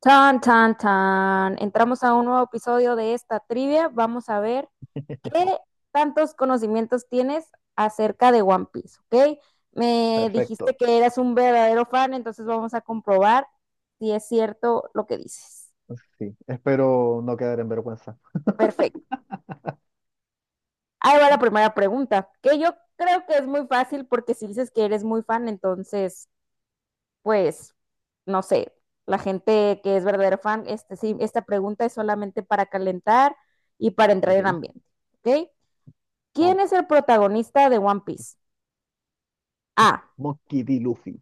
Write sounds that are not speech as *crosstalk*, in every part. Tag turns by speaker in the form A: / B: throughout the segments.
A: Tan, tan, tan. Entramos a un nuevo episodio de esta trivia. Vamos a ver qué tantos conocimientos tienes acerca de One Piece, ¿ok? Me dijiste
B: Perfecto.
A: que eras un verdadero fan, entonces vamos a comprobar si es cierto lo que dices.
B: Sí, espero no quedar en vergüenza.
A: Perfecto. Ahí va la primera pregunta, que yo creo que es muy fácil porque si dices que eres muy fan, entonces pues, no sé, la gente que es verdadero fan, sí, esta pregunta es solamente para calentar y para entrar
B: Ok,
A: en ambiente, ¿ok? ¿Quién es
B: vamos.
A: el protagonista de One Piece? Ah,
B: Monkey D. Luffy.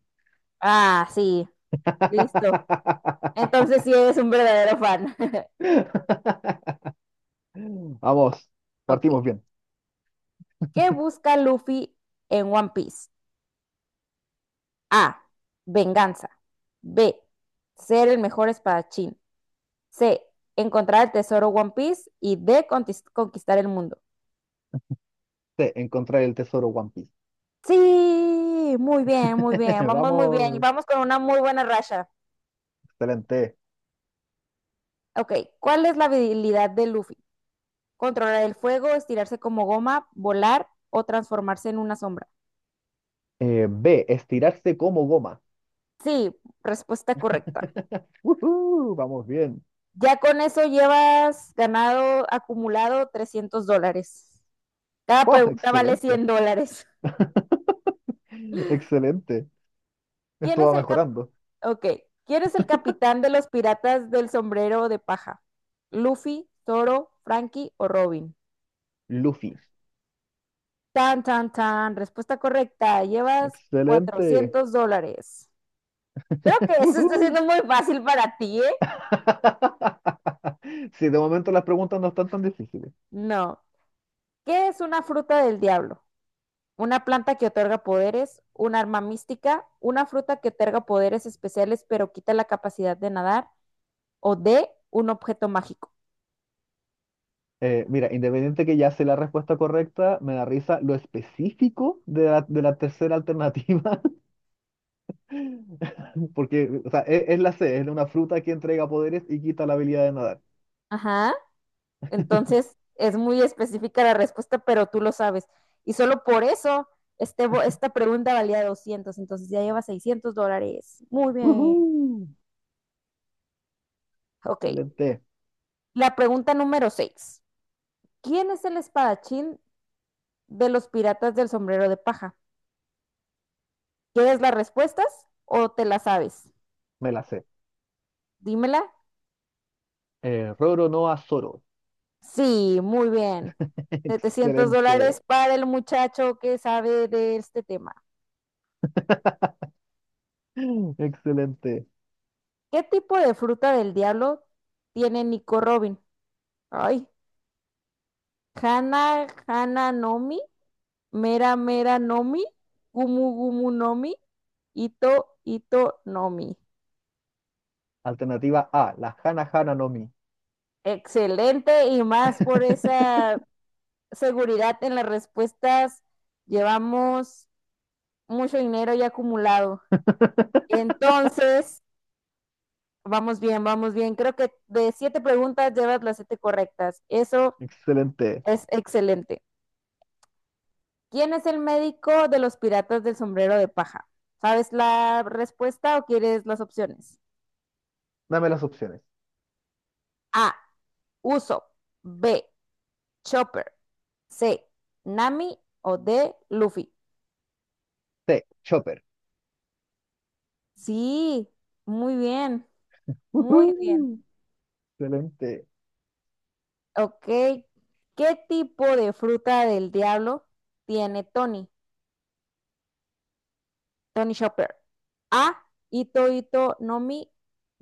A: ah, sí, listo.
B: *laughs*
A: Entonces sí es un verdadero fan. *laughs*
B: Vamos,
A: Ok.
B: partimos bien.
A: ¿Qué busca Luffy en One Piece? A. Venganza. B. Ser el mejor espadachín. C. Encontrar el tesoro One Piece. Y D. Conquistar el mundo.
B: C, encontrar el tesoro One Piece.
A: Sí, muy bien, muy bien.
B: *laughs*
A: Vamos muy bien.
B: Vamos,
A: Vamos con una muy buena racha.
B: excelente.
A: Ok, ¿cuál es la habilidad de Luffy? Controlar el fuego, estirarse como goma, volar o transformarse en una sombra.
B: B, estirarse como goma.
A: Sí, respuesta correcta.
B: *laughs* Ujú, vamos bien.
A: Ya con eso llevas ganado acumulado $300. Cada
B: Oh,
A: pregunta vale
B: excelente,
A: $100.
B: *laughs* excelente.
A: *laughs* ¿Quién
B: Esto
A: es
B: va
A: el cap-
B: mejorando.
A: Ok, ¿quién es el capitán de los piratas del sombrero de paja? ¿Luffy, Zoro, Frankie o Robin?
B: Luffy,
A: Tan, tan, tan. Respuesta correcta. Llevas
B: excelente.
A: $400. Creo que
B: *laughs*
A: eso está
B: Ujú.
A: siendo muy fácil para ti, ¿eh?
B: *laughs* Sí, de momento las preguntas no están tan difíciles.
A: No. ¿Qué es una fruta del diablo? Una planta que otorga poderes, un arma mística, una fruta que otorga poderes especiales pero quita la capacidad de nadar, o de un objeto mágico.
B: Mira, independiente que ya sé la respuesta correcta, me da risa lo específico de la tercera alternativa, *laughs* porque o sea, es la C, es una fruta que entrega poderes y quita la habilidad de nadar.
A: Ajá. Entonces, es muy específica la respuesta, pero tú lo sabes. Y solo por eso, esta pregunta valía 200, entonces ya lleva $600. Muy bien.
B: ¡Woohoo!
A: Ok.
B: Excelente,
A: La pregunta número 6. ¿Quién es el espadachín de los piratas del sombrero de paja? ¿Quieres las respuestas o te las sabes?
B: me la sé.
A: Dímela.
B: Roro no a Zoro.
A: Sí, muy bien.
B: *laughs*
A: 700
B: Excelente,
A: dólares para el muchacho que sabe de este tema.
B: excelente.
A: ¿Qué tipo de fruta del diablo tiene Nico Robin? Ay, Hana, Hana Nomi, Mera Mera Nomi, Gumu Gumu Nomi, Ito Ito Nomi.
B: Alternativa A, la Hana Hana no Mi.
A: Excelente y más por esa seguridad en las respuestas. Llevamos mucho dinero ya acumulado.
B: *laughs*
A: Entonces, vamos bien, vamos bien. Creo que de siete preguntas llevas las siete correctas. Eso
B: Excelente.
A: es excelente. ¿Quién es el médico de los piratas del sombrero de paja? ¿Sabes la respuesta o quieres las opciones?
B: Dame las opciones.
A: A. Uso. B. Chopper. C. Nami o D. Luffy.
B: C, Chopper.
A: Sí, muy bien, muy bien.
B: Ujú, excelente.
A: Ok, ¿qué tipo de fruta del diablo tiene Tony? Tony Shopper. A, Ito Ito Nomi.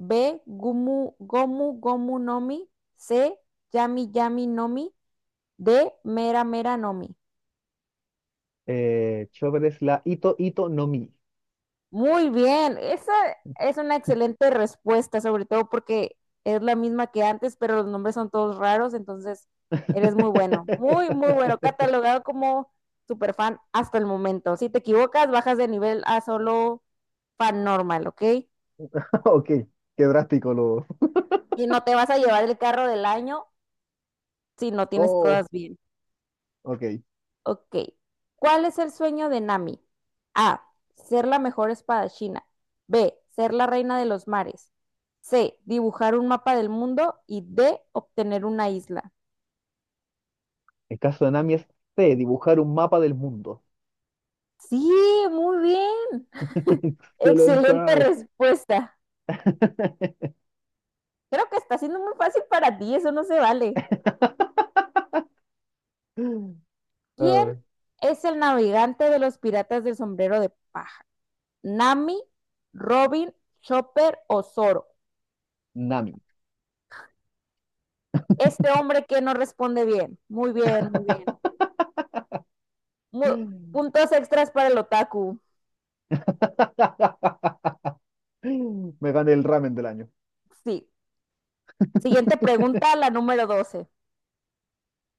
A: B, Gumu Gomu Gomu Nomi. C, Yami Yami Nomi. D, Mera Mera Nomi.
B: Chopper es la Ito Ito no Mi.
A: Muy bien, esa es una excelente respuesta, sobre todo porque es la misma que antes, pero los nombres son todos raros, entonces eres muy bueno, muy bueno,
B: *laughs*
A: catalogado como superfan hasta el momento. Si te equivocas, bajas de nivel a solo fan normal, ¿ok?
B: Ok, qué drástico lo.
A: Y no te vas a llevar el carro del año si no tienes
B: Oh,
A: todas bien.
B: ok.
A: Ok. ¿Cuál es el sueño de Nami? A. Ser la mejor espadachina. B. Ser la reina de los mares. C. Dibujar un mapa del mundo. Y D. Obtener una isla.
B: El caso de Nami es C, dibujar un mapa del mundo.
A: Sí, muy bien.
B: *laughs*
A: Excelente
B: Excelente.
A: respuesta. Creo que está siendo muy fácil para ti, eso no se vale.
B: *laughs* Ah,
A: ¿Quién es el navegante de los piratas del sombrero de paja? ¿Nami, Robin, Chopper o Zoro?
B: Nami.
A: Este hombre que no responde bien. Muy bien, muy bien. Mu- Puntos
B: *laughs*
A: extras para el otaku.
B: Me gané el ramen del año.
A: Sí. Siguiente
B: *laughs*
A: pregunta, la número 12.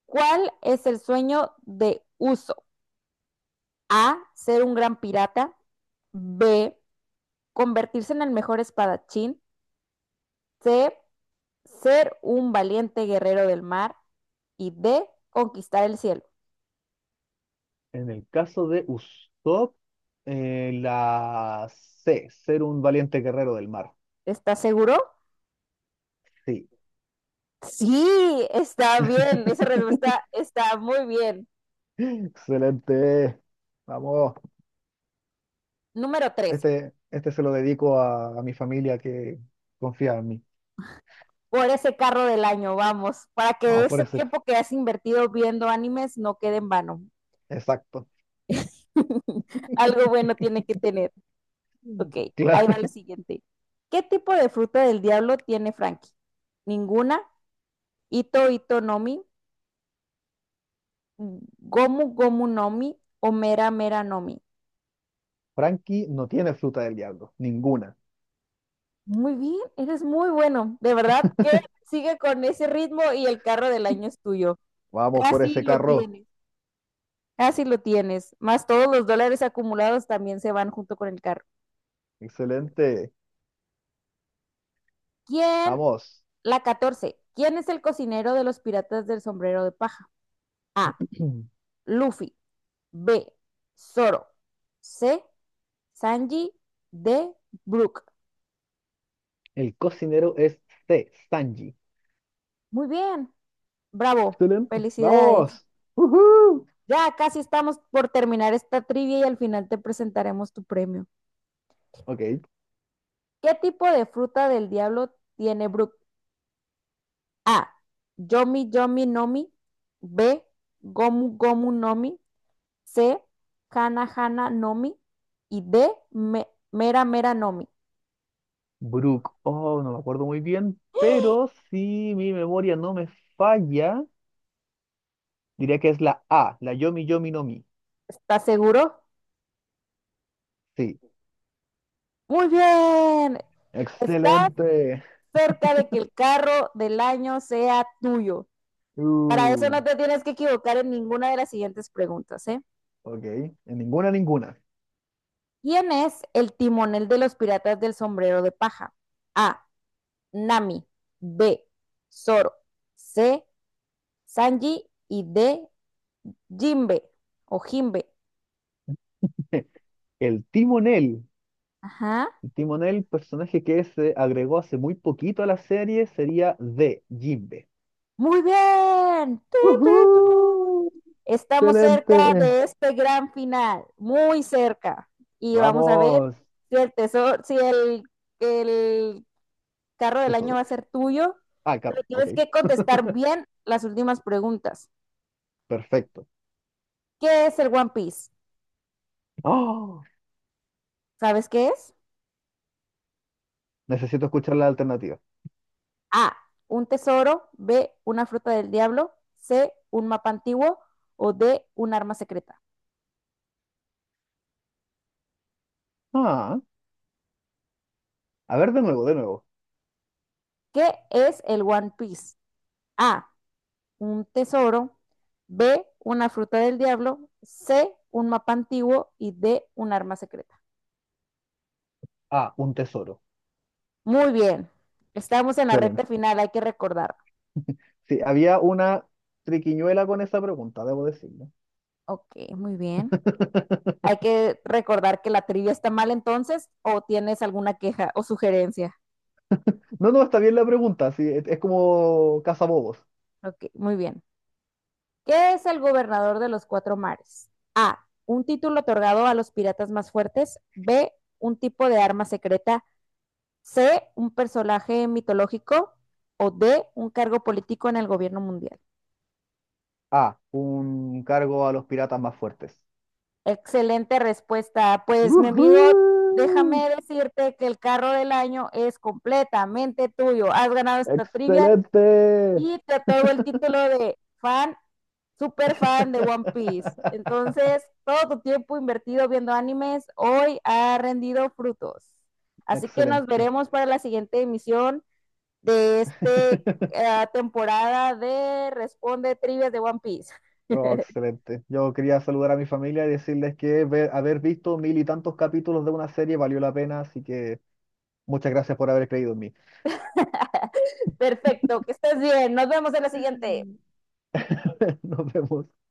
A: ¿Cuál es el sueño de Uso? A, ser un gran pirata. B, convertirse en el mejor espadachín. C, ser un valiente guerrero del mar. Y D, conquistar el cielo.
B: En el caso de Usopp, la C, ser un valiente guerrero del mar.
A: ¿Estás seguro?
B: Sí.
A: Sí, está bien. Esa
B: *laughs*
A: respuesta está muy bien.
B: Excelente. Vamos,
A: Número 13.
B: este se lo dedico a, mi familia que confía en mí.
A: Por ese carro del año, vamos, para que
B: Vamos por
A: ese
B: ese.
A: tiempo que has invertido viendo animes no quede en vano.
B: Exacto.
A: *laughs* Algo bueno tiene que tener. Ok, ahí va la
B: Claro.
A: siguiente. ¿Qué tipo de fruta del diablo tiene Frankie? Ninguna. Ito Ito Nomi, Gomu Gomu Nomi o Mera Mera Nomi.
B: *laughs* Frankie no tiene fruta del diablo, ninguna.
A: Muy bien, eres muy bueno. De verdad que sigue con ese ritmo y el carro del año es tuyo.
B: Vamos por
A: Casi
B: ese
A: lo
B: carro.
A: tienes. Así lo tienes. Más todos los dólares acumulados también se van junto con el carro.
B: Excelente.
A: ¿Quién?
B: Vamos.
A: La 14. ¿Quién es el cocinero de los piratas del sombrero de paja? A.
B: *clears throat*
A: Luffy. B. Zoro. C. Sanji. D. Brook.
B: El cocinero es C, Sanji.
A: Muy bien. Bravo.
B: Excelente.
A: Felicidades.
B: Vamos. ¡Woohoo!
A: Ya casi estamos por terminar esta trivia y al final te presentaremos tu premio.
B: Ok.
A: ¿Qué tipo de fruta del diablo tiene Brook? A. Yomi Yomi Nomi. B. Gomu Gomu Nomi. C. Hana Hana Nomi. Y D. Mera Mera Nomi.
B: Brooke. Oh, no me acuerdo muy bien, pero si mi memoria no me falla, diría que es la A, la Yomi Yomi no Mi.
A: ¿Estás seguro?
B: Sí.
A: Muy bien. Estás
B: Excelente.
A: cerca de que el carro del año sea tuyo. Para eso
B: Uh,
A: no te tienes que equivocar en ninguna de las siguientes preguntas, ¿eh?
B: ok, en ninguna, ninguna.
A: ¿Quién es el timonel de los piratas del sombrero de paja? A. Nami. B. Zoro. C. Sanji. Y D. Jimbe o Jimbe.
B: *laughs* El timonel,
A: Ajá.
B: el timonel, personaje que se agregó hace muy poquito a la serie, sería de Jimbe.
A: Muy bien. Tun, tun, tun.
B: ¡Uhú!
A: Estamos cerca
B: Excelente.
A: de este gran final, muy cerca. Y vamos a ver
B: Vamos.
A: si el tesoro, si el, el carro
B: ¿Qué
A: del año va
B: solo?
A: a ser tuyo.
B: Ah, el
A: Pero
B: carro. Ok,
A: tienes que contestar bien las últimas preguntas.
B: perfecto.
A: ¿Qué es el One Piece?
B: ¡Oh!
A: ¿Sabes qué es?
B: Necesito escuchar la alternativa.
A: A, un tesoro, B, una fruta del diablo, C, un mapa antiguo o D, un arma secreta.
B: Ah, a ver de nuevo, de nuevo.
A: ¿Qué es el One Piece? A, un tesoro, B, una fruta del diablo, C, un mapa antiguo y D, un arma secreta.
B: Ah, un tesoro.
A: Muy bien, estamos en la
B: Excelente.
A: recta final, hay que recordar.
B: Sí, había una triquiñuela con esa pregunta, debo decirlo.
A: Ok, muy bien.
B: *laughs*
A: Hay que recordar que la trivia está mal entonces o tienes alguna queja o sugerencia.
B: No, no, está bien la pregunta. Sí, es como cazabobos.
A: Ok, muy bien. ¿Qué es el gobernador de los cuatro mares? A, un título otorgado a los piratas más fuertes, B, un tipo de arma secreta, C, un personaje mitológico o D, un cargo político en el gobierno mundial.
B: A. Un cargo a los piratas más fuertes.
A: Excelente respuesta. Pues mi amigo,
B: ¡Woohoo!
A: déjame decirte que el carro del año es completamente tuyo. Has ganado esta trivia
B: ¡Excelente!
A: y te otorgo el título de fan, super fan de One Piece.
B: *laughs*
A: Entonces, todo tu tiempo invertido viendo animes hoy ha rendido frutos. Así que nos
B: Excelente.
A: veremos para la siguiente emisión de esta temporada de Responde Trivias de One Piece.
B: Oh,
A: *laughs*
B: excelente. Yo quería saludar a mi familia y decirles que haber visto mil y tantos capítulos de una serie valió la pena, así que muchas gracias por haber creído en mí.
A: Perfecto, que estés bien. Nos vemos en la siguiente.
B: *laughs* Nos vemos.